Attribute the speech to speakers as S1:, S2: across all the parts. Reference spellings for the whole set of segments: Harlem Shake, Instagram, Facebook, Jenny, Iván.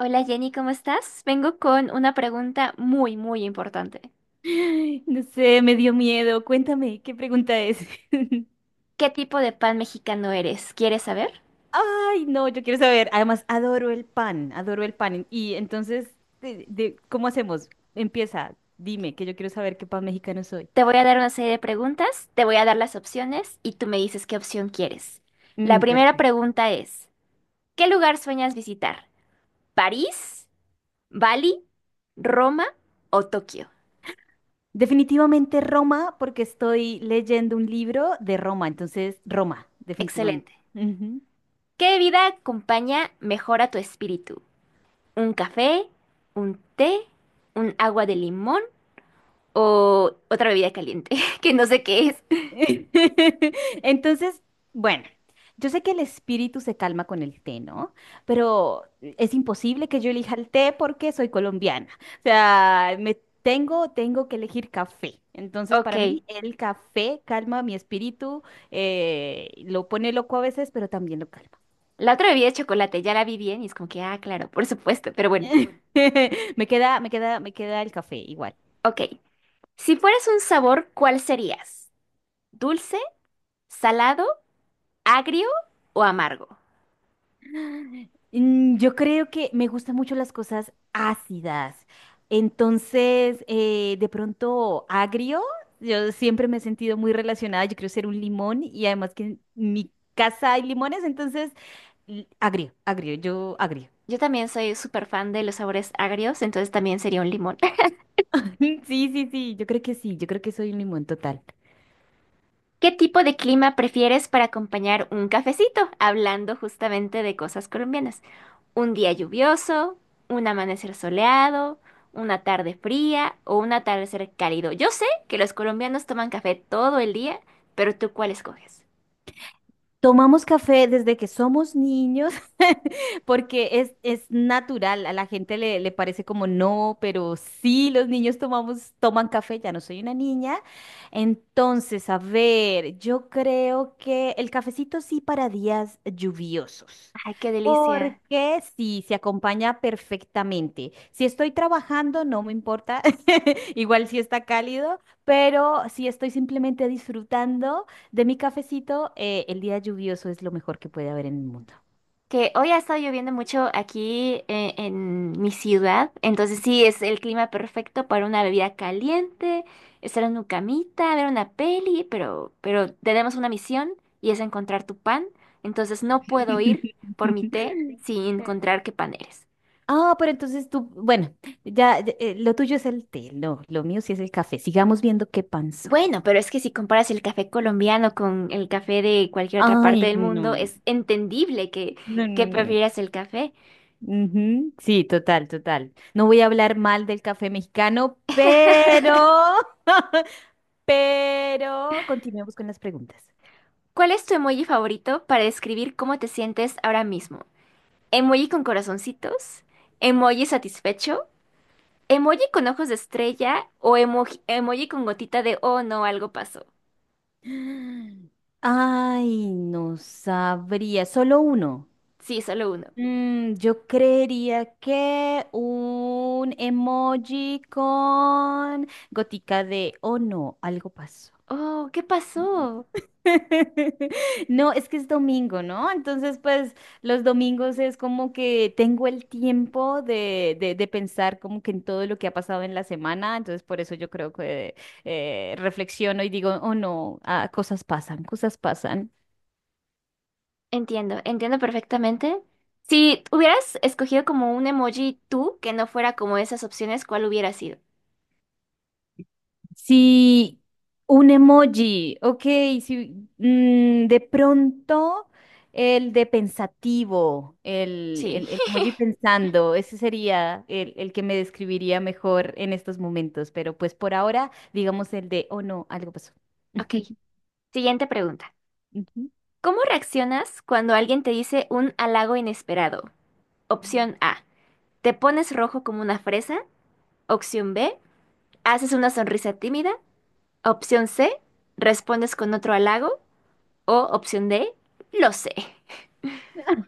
S1: Hola Jenny, ¿cómo estás? Vengo con una pregunta muy, muy importante.
S2: Ay, no sé, me dio miedo. Cuéntame, ¿qué pregunta es?
S1: ¿Qué tipo de pan mexicano eres? ¿Quieres saber?
S2: Ay, no, yo quiero saber. Además, adoro el pan, adoro el pan. Y entonces, ¿cómo hacemos? Empieza, dime, que yo quiero saber qué pan mexicano soy.
S1: Te voy a dar una serie de preguntas, te voy a dar las opciones y tú me dices qué opción quieres. La primera
S2: Perfecto.
S1: pregunta es, ¿qué lugar sueñas visitar? ¿París? ¿Bali? ¿Roma o Tokio?
S2: Definitivamente Roma, porque estoy leyendo un libro de Roma, entonces Roma, definitivamente.
S1: Excelente.
S2: Ujú.
S1: ¿Qué bebida acompaña mejor a tu espíritu? ¿Un café? ¿Un té? ¿Un agua de limón? ¿O otra bebida caliente? Que no sé qué es.
S2: Entonces, bueno, yo sé que el espíritu se calma con el té, ¿no? Pero es imposible que yo elija el té porque soy colombiana. O sea, me tengo que elegir café. Entonces,
S1: Ok,
S2: para mí, el café calma mi espíritu, lo pone loco a veces, pero también lo calma.
S1: la otra bebida de chocolate, ya la vi bien y es como que, ah, claro, por supuesto, pero bueno,
S2: Me queda el café igual.
S1: ok. Si fueras un sabor, ¿cuál serías? ¿Dulce, salado, agrio o amargo?
S2: Yo creo que me gustan mucho las cosas ácidas. Entonces, de pronto, agrio, yo siempre me he sentido muy relacionada. Yo quiero ser un limón y además que en mi casa hay limones, entonces, agrio, agrio, yo agrio.
S1: Yo también soy súper fan de los sabores agrios, entonces también sería un limón.
S2: Sí, sí, sí, yo creo que sí, yo creo que soy un limón total.
S1: ¿Qué tipo de clima prefieres para acompañar un cafecito? Hablando justamente de cosas colombianas. Un día lluvioso, un amanecer soleado, una tarde fría o un atardecer cálido. Yo sé que los colombianos toman café todo el día, pero ¿tú cuál escoges?
S2: Tomamos café desde que somos niños porque es natural, a la gente le parece como no, pero sí, los niños tomamos, toman café, ya no soy una niña. Entonces, a ver, yo creo que el cafecito sí para días lluviosos.
S1: Ay, qué delicia.
S2: Porque sí, se acompaña perfectamente. Si estoy trabajando, no me importa, igual si está cálido, pero si estoy simplemente disfrutando. De mi cafecito, el día lluvioso es lo mejor que puede haber en el mundo.
S1: Que hoy ha estado lloviendo mucho aquí en mi ciudad, entonces sí, es el clima perfecto para una bebida caliente, estar en una camita, ver una peli, pero tenemos una misión y es encontrar tu pan, entonces no puedo ir por mi té sin encontrar qué pan eres.
S2: Ah, pero entonces tú, bueno, ya, ya, lo tuyo es el té, no, lo mío sí es el café. Sigamos viendo qué pan soy.
S1: Bueno, pero es que si comparas el café colombiano con el café de cualquier otra parte
S2: Ay,
S1: del mundo,
S2: no,
S1: es entendible
S2: no, no,
S1: que
S2: no.
S1: prefieras el café.
S2: Ujú, sí, total, total. No voy a hablar mal del café mexicano, pero, pero continuemos con las preguntas.
S1: ¿Cuál es tu emoji favorito para describir cómo te sientes ahora mismo? ¿Emoji con corazoncitos? ¿Emoji satisfecho? ¿Emoji con ojos de estrella? ¿O emoji con gotita de, oh no, algo pasó?
S2: Ay, no sabría, solo uno.
S1: Sí, solo uno.
S2: Yo creería que un emoji con gotica de, oh no, algo pasó.
S1: Oh, ¿qué pasó?
S2: No, es que es domingo, ¿no? Entonces, pues los domingos es como que tengo el tiempo de pensar como que en todo lo que ha pasado en la semana, entonces por eso yo creo que reflexiono y digo, oh no, ah, cosas pasan, cosas pasan.
S1: Entiendo, entiendo perfectamente. Si hubieras escogido como un emoji tú que no fuera como esas opciones, ¿cuál hubiera sido?
S2: Sí, un emoji, ok, sí, de pronto el de pensativo,
S1: Sí.
S2: el emoji pensando, ese sería el que me describiría mejor en estos momentos, pero pues por ahora digamos el de, oh no, algo pasó.
S1: Ok, siguiente pregunta. ¿Cómo reaccionas cuando alguien te dice un halago inesperado?
S2: Ujú.
S1: Opción A, te pones rojo como una fresa. Opción B, haces una sonrisa tímida. Opción C, respondes con otro halago. O opción D, lo sé.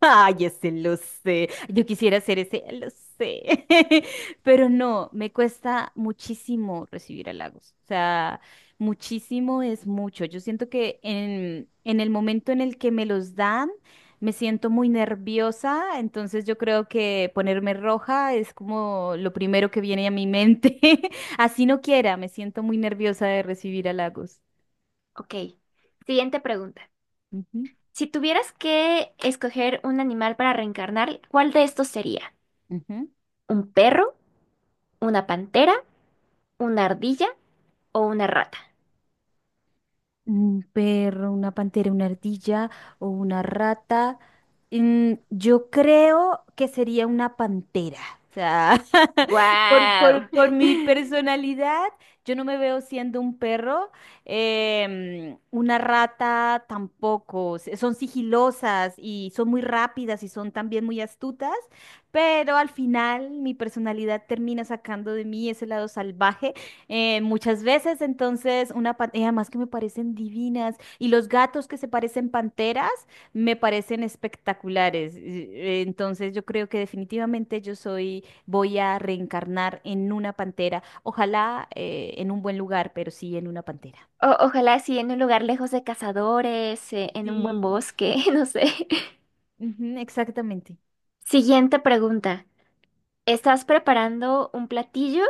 S2: Ay, ese lo sé. Yo quisiera ser ese, lo sé. Pero no, me cuesta muchísimo recibir halagos. O sea, muchísimo es mucho. Yo siento que en el momento en el que me los dan, me siento muy nerviosa. Entonces yo creo que ponerme roja es como lo primero que viene a mi mente. Así no quiera, me siento muy nerviosa de recibir halagos.
S1: Ok, siguiente pregunta.
S2: Ujú,
S1: Si tuvieras que escoger un animal para reencarnar, ¿cuál de estos sería?
S2: ujú.
S1: ¿Un perro, una pantera, una ardilla o una rata?
S2: Un perro, una pantera, una ardilla o una rata. Yo creo que sería una pantera. O sea,
S1: ¡Guau!
S2: por mi personalidad, yo no me veo siendo un perro, una rata tampoco. Son sigilosas y son muy rápidas y son también muy astutas, pero al final mi personalidad termina sacando de mí ese lado salvaje muchas veces, entonces, además que me parecen divinas. Y los gatos que se parecen panteras me parecen espectaculares. Entonces, yo creo que definitivamente yo soy, voy a reencarnar en una pantera. Ojalá en un buen lugar, pero sí en una pantera.
S1: Ojalá sí, en un lugar lejos de cazadores, en un buen
S2: Sí.
S1: bosque, no sé.
S2: Ujú, exactamente.
S1: Siguiente pregunta. Estás preparando un platillo,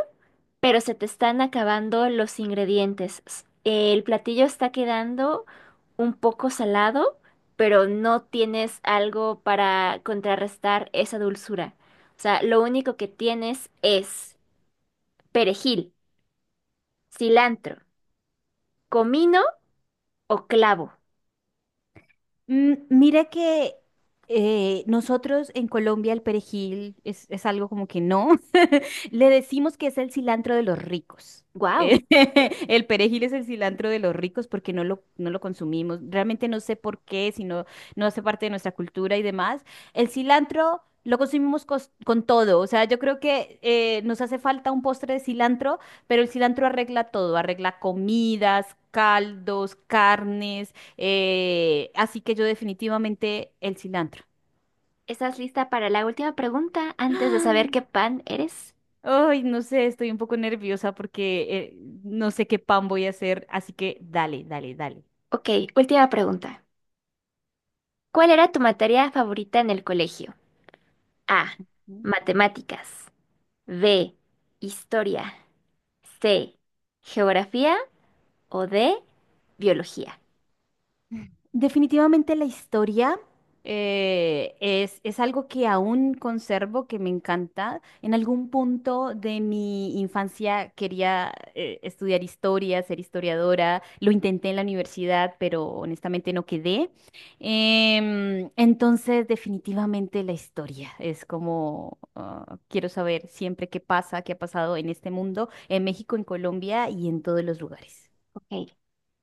S1: pero se te están acabando los ingredientes. El platillo está quedando un poco salado, pero no tienes algo para contrarrestar esa dulzura. O sea, lo único que tienes es perejil, cilantro, comino o clavo.
S2: Mira que nosotros en Colombia el perejil es algo como que no. Le decimos que es el cilantro de los ricos. Eh,
S1: ¡Guau!
S2: el perejil es el cilantro de los ricos porque no lo consumimos. Realmente no sé por qué, si no, no hace parte de nuestra cultura y demás. El cilantro lo consumimos con todo. O sea, yo creo que nos hace falta un postre de cilantro, pero el cilantro arregla todo, arregla comidas, caldos, carnes. Así que yo definitivamente el cilantro.
S1: ¿Estás lista para la última pregunta antes de saber
S2: ¡Ah!
S1: qué pan eres?
S2: Ay, no sé, estoy un poco nerviosa porque no sé qué pan voy a hacer, así que dale, dale, dale.
S1: Ok, última pregunta. ¿Cuál era tu materia favorita en el colegio? A. Matemáticas. B. Historia. C. Geografía. O D. Biología.
S2: Definitivamente la historia es algo que aún conservo, que me encanta. En algún punto de mi infancia quería estudiar historia, ser historiadora. Lo intenté en la universidad, pero honestamente no quedé. Entonces, definitivamente la historia es como ah, quiero saber siempre qué pasa, qué ha pasado en este mundo, en México, en Colombia y en todos los lugares.
S1: Ok.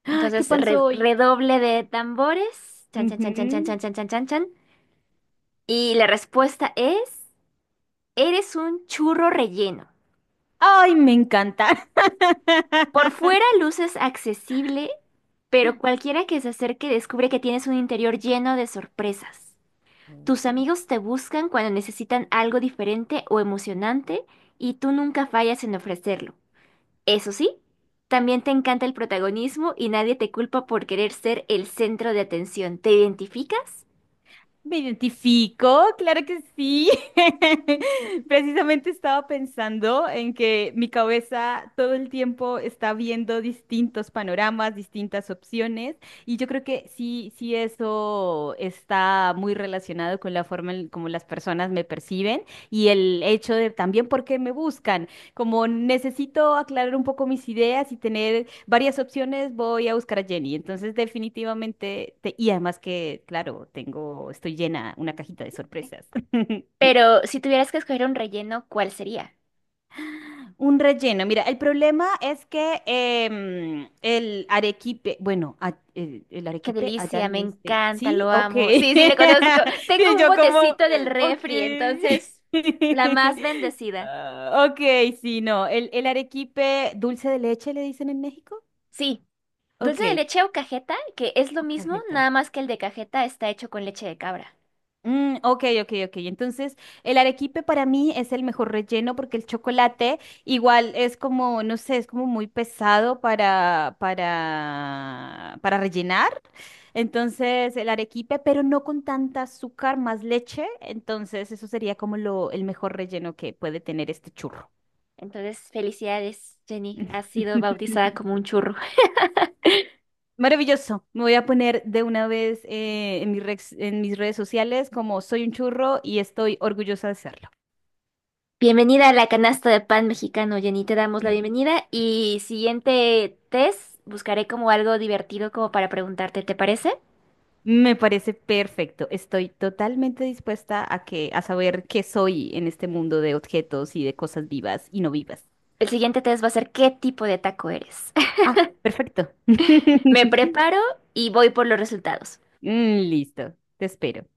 S2: ¡Ah! ¿Qué
S1: Entonces,
S2: pasó hoy?
S1: redoble de tambores. Chan, chan, chan, chan, chan, chan,
S2: Ujú.
S1: chan, chan, chan, chan. Y la respuesta es, eres un churro relleno.
S2: Ay, me encanta.
S1: Por fuera luces accesible, pero cualquiera que se acerque descubre que tienes un interior lleno de sorpresas. Tus amigos te buscan cuando necesitan algo diferente o emocionante y tú nunca fallas en ofrecerlo. Eso sí, también te encanta el protagonismo y nadie te culpa por querer ser el centro de atención. ¿Te identificas?
S2: Me identifico, claro que sí. Precisamente estaba pensando en que mi cabeza todo el tiempo está viendo distintos panoramas, distintas opciones, y yo creo que sí, sí eso está muy relacionado con la forma en como las personas me perciben y el hecho de también por qué me buscan. Como necesito aclarar un poco mis ideas y tener varias opciones, voy a buscar a Jenny. Entonces, definitivamente, y además que, claro, tengo, estoy llena, una cajita de sorpresas.
S1: Pero si tuvieras que escoger un relleno, ¿cuál sería?
S2: Un relleno. Mira, el problema es que el arequipe, bueno, el
S1: Qué
S2: arequipe allá
S1: delicia, me
S2: le dice-
S1: encanta,
S2: sí,
S1: lo
S2: ok.
S1: amo. Sí, sí, le conozco. Tengo
S2: Sí,
S1: un
S2: yo como,
S1: botecito del
S2: ok.
S1: refri, entonces, la más bendecida.
S2: Ah, ok, sí, no. El arequipe dulce de leche le dicen en México.
S1: Sí, dulce de
S2: Ok.
S1: leche o cajeta, que es lo
S2: Ok,
S1: mismo, nada más que el de cajeta está hecho con leche de cabra.
S2: Ok, ok, ok. Entonces, el arequipe para mí es el mejor relleno porque el chocolate igual es como, no sé, es como muy pesado para rellenar. Entonces, el arequipe, pero no con tanta azúcar, más leche. Entonces, eso sería como lo, el mejor relleno que puede tener este churro.
S1: Entonces, felicidades, Jenny. Has sido bautizada como un churro.
S2: Maravilloso. Me voy a poner de una vez en en mis redes sociales como soy un churro y estoy orgullosa de serlo.
S1: Bienvenida a la canasta de pan mexicano, Jenny. Te damos la bienvenida y siguiente test, buscaré como algo divertido como para preguntarte, ¿te parece?
S2: Me parece perfecto. Estoy totalmente dispuesta a que, a saber qué soy en este mundo de objetos y de cosas vivas y no vivas.
S1: El siguiente test va a ser qué tipo de taco eres.
S2: Ah, perfecto.
S1: Me preparo y voy por los resultados.
S2: Listo. Te espero.